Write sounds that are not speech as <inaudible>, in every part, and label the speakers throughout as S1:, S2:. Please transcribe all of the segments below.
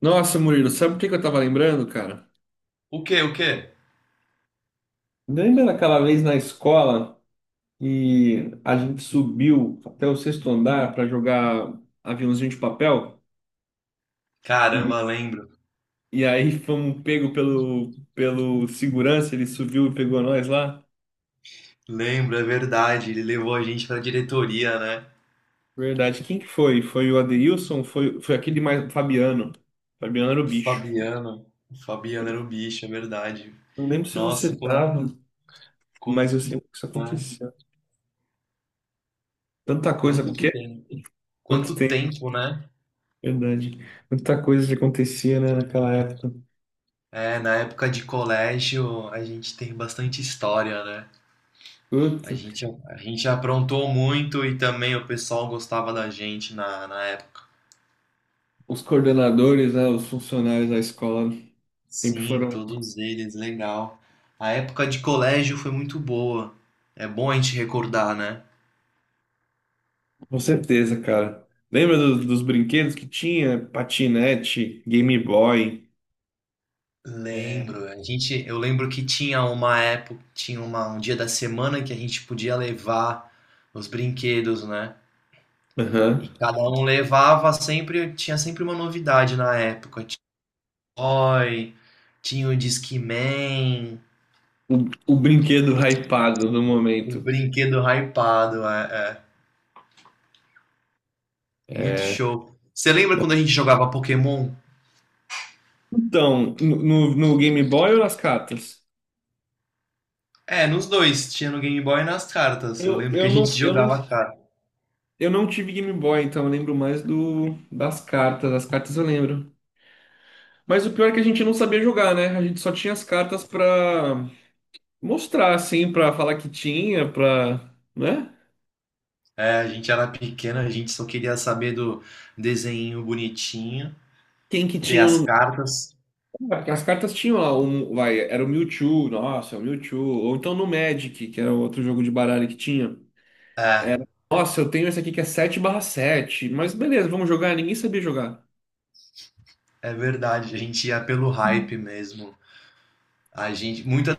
S1: Nossa, Murilo, sabe o que que eu tava lembrando, cara?
S2: O quê? O quê?
S1: Lembra daquela vez na escola e a gente subiu até o sexto andar para jogar aviãozinho de papel? E,
S2: Caramba, lembro.
S1: e aí fomos pego pelo segurança, ele subiu e pegou nós lá?
S2: Lembro, é verdade. Ele levou a gente pra diretoria, né?
S1: Verdade. Quem que foi? Foi o Adeilson? Foi aquele mais Fabiano. Fabiano era o
S2: O
S1: bicho.
S2: Fabiano. O Fabiano era o bicho, é verdade.
S1: Não lembro se você
S2: Nossa, quanto,
S1: tava, mas eu sei que isso aconteceu. Tanta coisa,
S2: quanto
S1: o quê?
S2: tempo.
S1: Quanto
S2: Quanto
S1: tempo,
S2: tempo, né?
S1: verdade. Tanta coisa que acontecia, né, naquela época.
S2: É, na época de colégio a gente tem bastante história, né? A
S1: Puta,
S2: gente, a gente aprontou muito e também o pessoal gostava da gente na época.
S1: os coordenadores, né, os funcionários da escola sempre
S2: Sim,
S1: foram,
S2: todos eles, legal. A época de colégio foi muito boa. É bom a gente recordar, né?
S1: com certeza, cara. Lembra dos brinquedos que tinha? Patinete, Game Boy. É,
S2: Lembro, eu lembro que tinha uma época, um dia da semana que a gente podia levar os brinquedos, né? E
S1: aham.
S2: cada um levava sempre, tinha sempre uma novidade na época. Tinha o Toy, tinha o Discman,
S1: O brinquedo hypado no
S2: o
S1: momento.
S2: brinquedo hypado, é, muito
S1: É.
S2: show. Você lembra quando a gente jogava Pokémon?
S1: Então, no Game Boy ou nas cartas?
S2: É, nos dois, tinha no Game Boy e nas cartas. Eu
S1: Eu,
S2: lembro que
S1: eu
S2: a
S1: não,
S2: gente
S1: eu não,
S2: jogava cartas.
S1: eu não tive Game Boy, então eu lembro mais do, das cartas. As cartas eu lembro. Mas o pior é que a gente não sabia jogar, né? A gente só tinha as cartas pra mostrar assim pra falar que tinha, pra, né?
S2: É, a gente era pequeno, a gente só queria saber do desenho bonitinho,
S1: Quem que
S2: ter
S1: tinha
S2: as
S1: no
S2: cartas.
S1: lugar, porque as cartas tinham lá um, vai, era o Mewtwo, nossa, é o Mewtwo, ou então no Magic, que era outro jogo de baralho que tinha.
S2: É,
S1: Nossa, eu tenho esse aqui que é sete barra sete mas beleza, vamos jogar, ninguém sabia jogar.
S2: é verdade. A gente ia pelo hype mesmo. A gente, muitas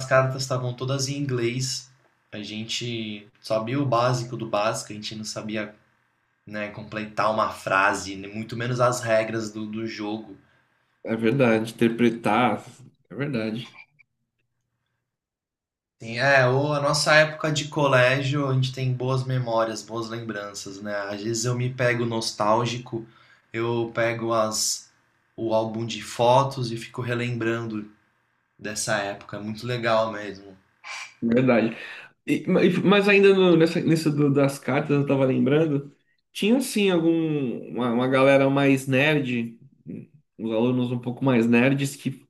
S2: das cartas estavam todas em inglês. A gente sabia o básico do básico, a gente não sabia, né, completar uma frase, nem muito menos as regras do jogo.
S1: É verdade, interpretar, é verdade.
S2: Sim, é, ou a nossa época de colégio, a gente tem boas memórias, boas lembranças, né? Às vezes eu me pego nostálgico, eu pego as o álbum de fotos e fico relembrando dessa época, é muito legal mesmo.
S1: É verdade. E, mas ainda no- nessa, nessa do- das cartas, eu tava lembrando, tinha assim algum uma galera mais nerd, os alunos um pouco mais nerds que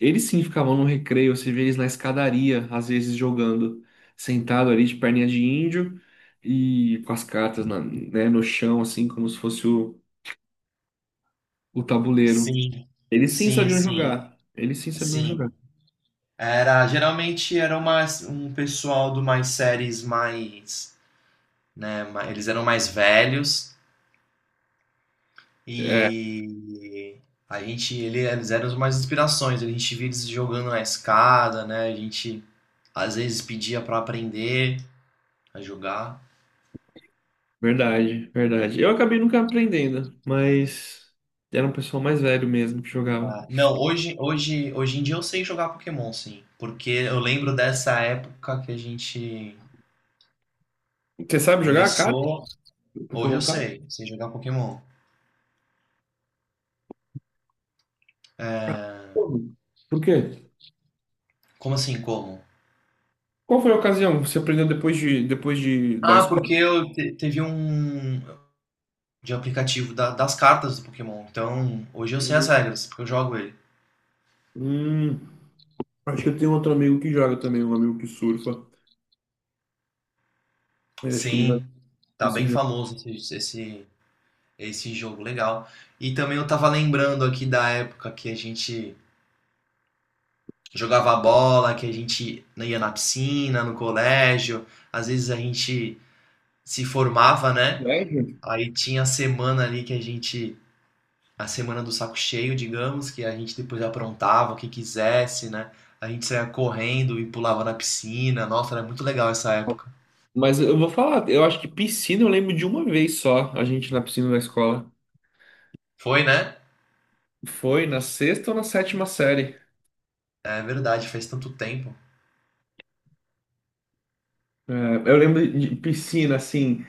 S1: eles sim ficavam no recreio, você vê eles na escadaria, às vezes jogando, sentado ali de perninha de índio e com as cartas na- né, no chão, assim como se fosse o tabuleiro.
S2: Sim,
S1: Eles sim
S2: sim,
S1: sabiam
S2: sim,
S1: jogar. Eles sim sabiam jogar.
S2: sim. Era, geralmente era mais um pessoal de umas séries mais, né, eles eram mais velhos
S1: É,
S2: e eles eram as mais inspirações, a gente via eles jogando na escada, né, a gente às vezes pedia pra aprender a jogar.
S1: verdade, verdade. Eu acabei nunca aprendendo, mas era um pessoal mais velho mesmo que jogava.
S2: Ah, não, hoje em dia eu sei jogar Pokémon, sim, porque eu lembro dessa época que a gente
S1: Você sabe jogar carta?
S2: começou. Hoje eu
S1: Pokémon carta?
S2: sei jogar Pokémon.
S1: Como? Por quê?
S2: Como assim, como?
S1: Qual foi a ocasião? Você aprendeu depois de da
S2: Ah,
S1: escola?
S2: porque teve um de aplicativo das cartas do Pokémon. Então, hoje eu sei as
S1: Hum,
S2: regras, porque eu jogo ele.
S1: hum, acho que eu tenho outro amigo que joga também, um amigo que surfa. Mas acho que ele vai
S2: Sim, tá
S1: esse
S2: bem
S1: jogo.
S2: famoso esse jogo, legal. E também eu tava lembrando aqui da época que a gente jogava bola, que a gente ia na piscina, no colégio. Às vezes a gente se formava, né?
S1: É, gente.
S2: Aí tinha a semana ali que a semana do saco cheio, digamos, que a gente depois aprontava o que quisesse, né? A gente saía correndo e pulava na piscina. Nossa, era muito legal essa época.
S1: Mas eu vou falar, eu acho que piscina eu lembro de uma vez só, a gente na piscina da escola.
S2: Foi, né?
S1: Foi na sexta ou na sétima série.
S2: É verdade, faz tanto tempo.
S1: É, eu lembro de piscina, assim.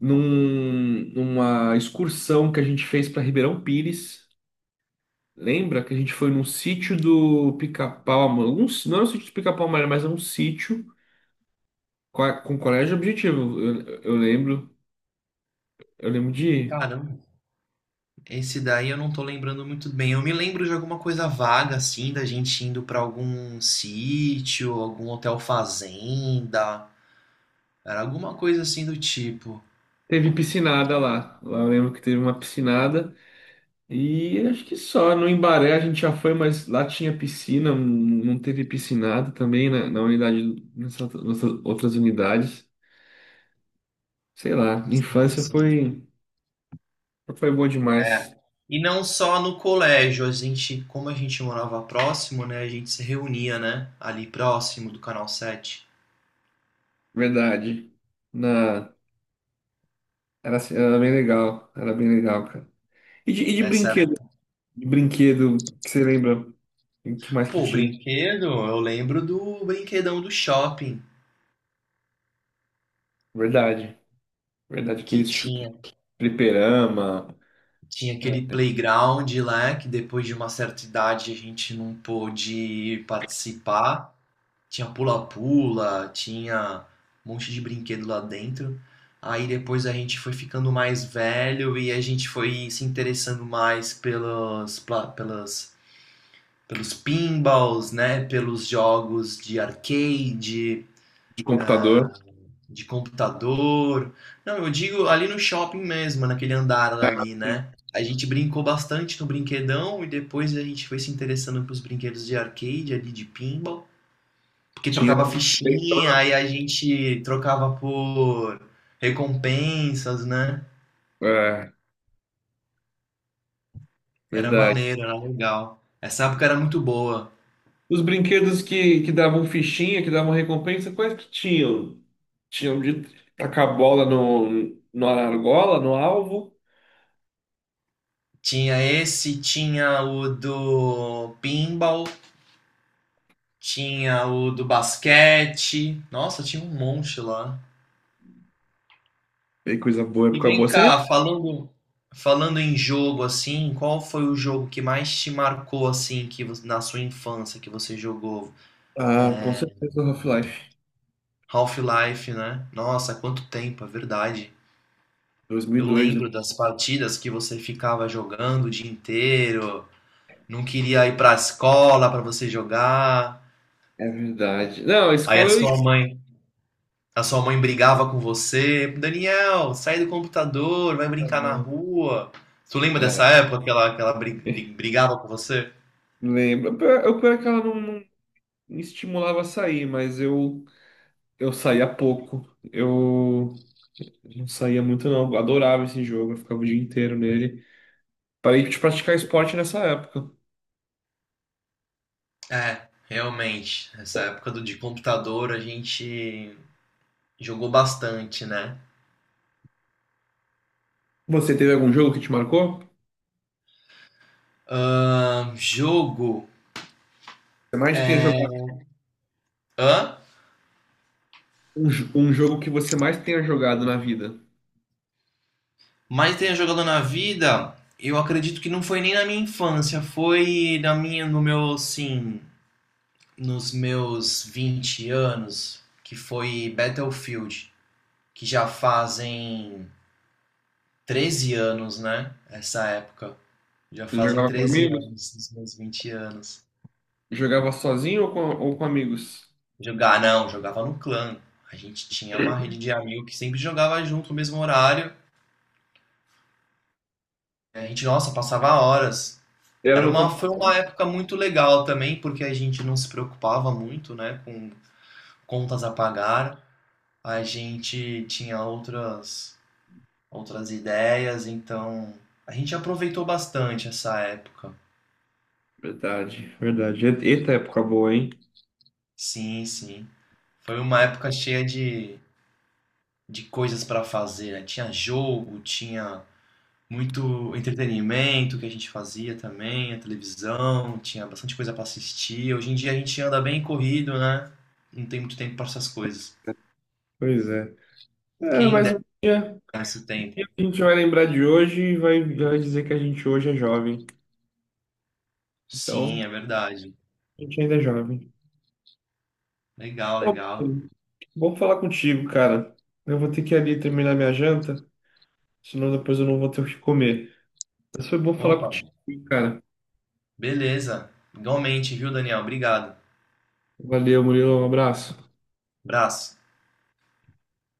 S1: Num- numa excursão que a gente fez para Ribeirão Pires. Lembra que a gente foi num sítio do Pica-Pau Amarelo? Um, s- não era um sítio do Pica-Pau Amarelo, mas era um sítio com, a- com colégio objetivo. Eu lembro, eu lembro de ir.
S2: Caramba, esse daí eu não tô lembrando muito bem. Eu me lembro de alguma coisa vaga, assim, da gente indo pra algum sítio, algum hotel fazenda. Era alguma coisa assim do tipo.
S1: Teve piscinada lá. Lá eu lembro que teve uma piscinada. E acho que só no Embaré a gente já foi, mas lá tinha piscina, não teve piscinada também na, na unidade, nessas outras unidades. Sei lá,
S2: Sim,
S1: infância
S2: sim.
S1: foi, foi boa
S2: É.
S1: demais.
S2: E não só no colégio, a gente, como a gente morava próximo, né, a gente se reunia, né, ali próximo do Canal 7.
S1: Verdade. Na... Era, assim- era bem legal. Era bem legal, cara. E de
S2: Essa,
S1: brinquedo? De brinquedo, que você lembra? O que mais que
S2: pô,
S1: tinha?
S2: brinquedo, eu lembro do brinquedão do shopping,
S1: Verdade. Verdade.
S2: que
S1: Aqueles chu-
S2: tinha,
S1: fliperama,
S2: tinha aquele
S1: é,
S2: playground lá, que depois de uma certa idade a gente não pôde participar. Tinha pula-pula, tinha um monte de brinquedo lá dentro. Aí depois a gente foi ficando mais velho e a gente foi se interessando mais pelos pinballs, né? Pelos jogos de arcade,
S1: de computador.
S2: de computador. Não, eu digo ali no shopping mesmo, naquele andar ali,
S1: Sim.
S2: né? A gente brincou bastante no brinquedão e depois a gente foi se interessando pelos brinquedos de arcade ali, de pinball. Porque
S1: Tinha.
S2: trocava fichinha, aí a gente trocava por recompensas, né?
S1: É,
S2: Era
S1: verdade.
S2: maneiro, era legal. Essa época era muito boa.
S1: Os brinquedos que davam fichinha, que davam recompensa, quais que tinham? Tinham de tacar a bola no, no argola, no alvo.
S2: Tinha esse, tinha o do pinball, tinha o do basquete. Nossa, tinha um monte lá.
S1: Que coisa boa,
S2: E
S1: época boa.
S2: vem
S1: Você lembra?
S2: cá, falando em jogo assim, qual foi o jogo que mais te marcou assim na sua infância que você jogou?
S1: Ah, com certeza Half-Life.
S2: Half-Life, né? Nossa, quanto tempo, é verdade. Eu
S1: 2002, né?
S2: lembro das partidas que você ficava jogando o dia inteiro, não queria ir pra escola pra você jogar.
S1: É verdade. Não, a
S2: Aí
S1: escola eu ia.
S2: a sua mãe brigava com você. Daniel, sai do computador, vai brincar na rua. Tu lembra dessa
S1: Né?
S2: época que
S1: É,
S2: brigava com você?
S1: <laughs> lembro. Pior- Eu pior é que ela não me estimulava a sair, mas eu saía pouco. Eu não saía muito, não. Eu adorava esse jogo, eu ficava o dia inteiro nele. Parei de praticar esporte nessa época.
S2: É, realmente. Essa época de computador a gente jogou bastante, né?
S1: Você teve algum jogo que te marcou?
S2: Jogo.
S1: Você mais tenha jogado
S2: Hã?
S1: um, jo- um jogo que você mais tenha jogado na vida?
S2: Mas tenha jogado na vida, eu acredito que não foi nem na minha infância, foi na minha, no meu, assim, nos meus 20 anos, que foi Battlefield, que já fazem 13 anos, né? Essa época. Já
S1: Você
S2: fazem
S1: jogava com
S2: treze
S1: amigos?
S2: anos, dos meus 20 anos.
S1: Jogava sozinho ou com amigos?
S2: Jogar, não, jogava no clã. A gente tinha uma rede de amigos que sempre jogava junto no mesmo horário. A gente, nossa, passava horas.
S1: Era no
S2: Foi
S1: computador.
S2: uma época muito legal também, porque a gente não se preocupava muito, né, com contas a pagar. A gente tinha outras, outras ideias, então a gente aproveitou bastante essa época.
S1: Verdade, verdade. E- eita época boa, hein?
S2: Sim, sim. Foi uma época cheia de coisas para fazer, né? Tinha jogo, tinha muito entretenimento que a gente fazia também, a televisão, tinha bastante coisa para assistir. Hoje em dia a gente anda bem corrido, né? Não tem muito tempo para essas coisas.
S1: Pois é. É,
S2: Quem
S1: mas
S2: dera esse
S1: um
S2: tempo.
S1: dia a gente vai lembrar de hoje e vai dizer que a gente hoje é jovem. Então,
S2: Sim, é verdade.
S1: a gente ainda é jovem.
S2: Legal,
S1: Ô,
S2: legal.
S1: Bruno, bom falar contigo, cara. Eu vou ter que ir ali terminar minha janta, senão depois eu não vou ter o que comer. Mas foi bom falar
S2: Opa,
S1: contigo, cara.
S2: beleza. Igualmente, viu, Daniel? Obrigado.
S1: Valeu, Murilo. Um abraço.
S2: Abraço.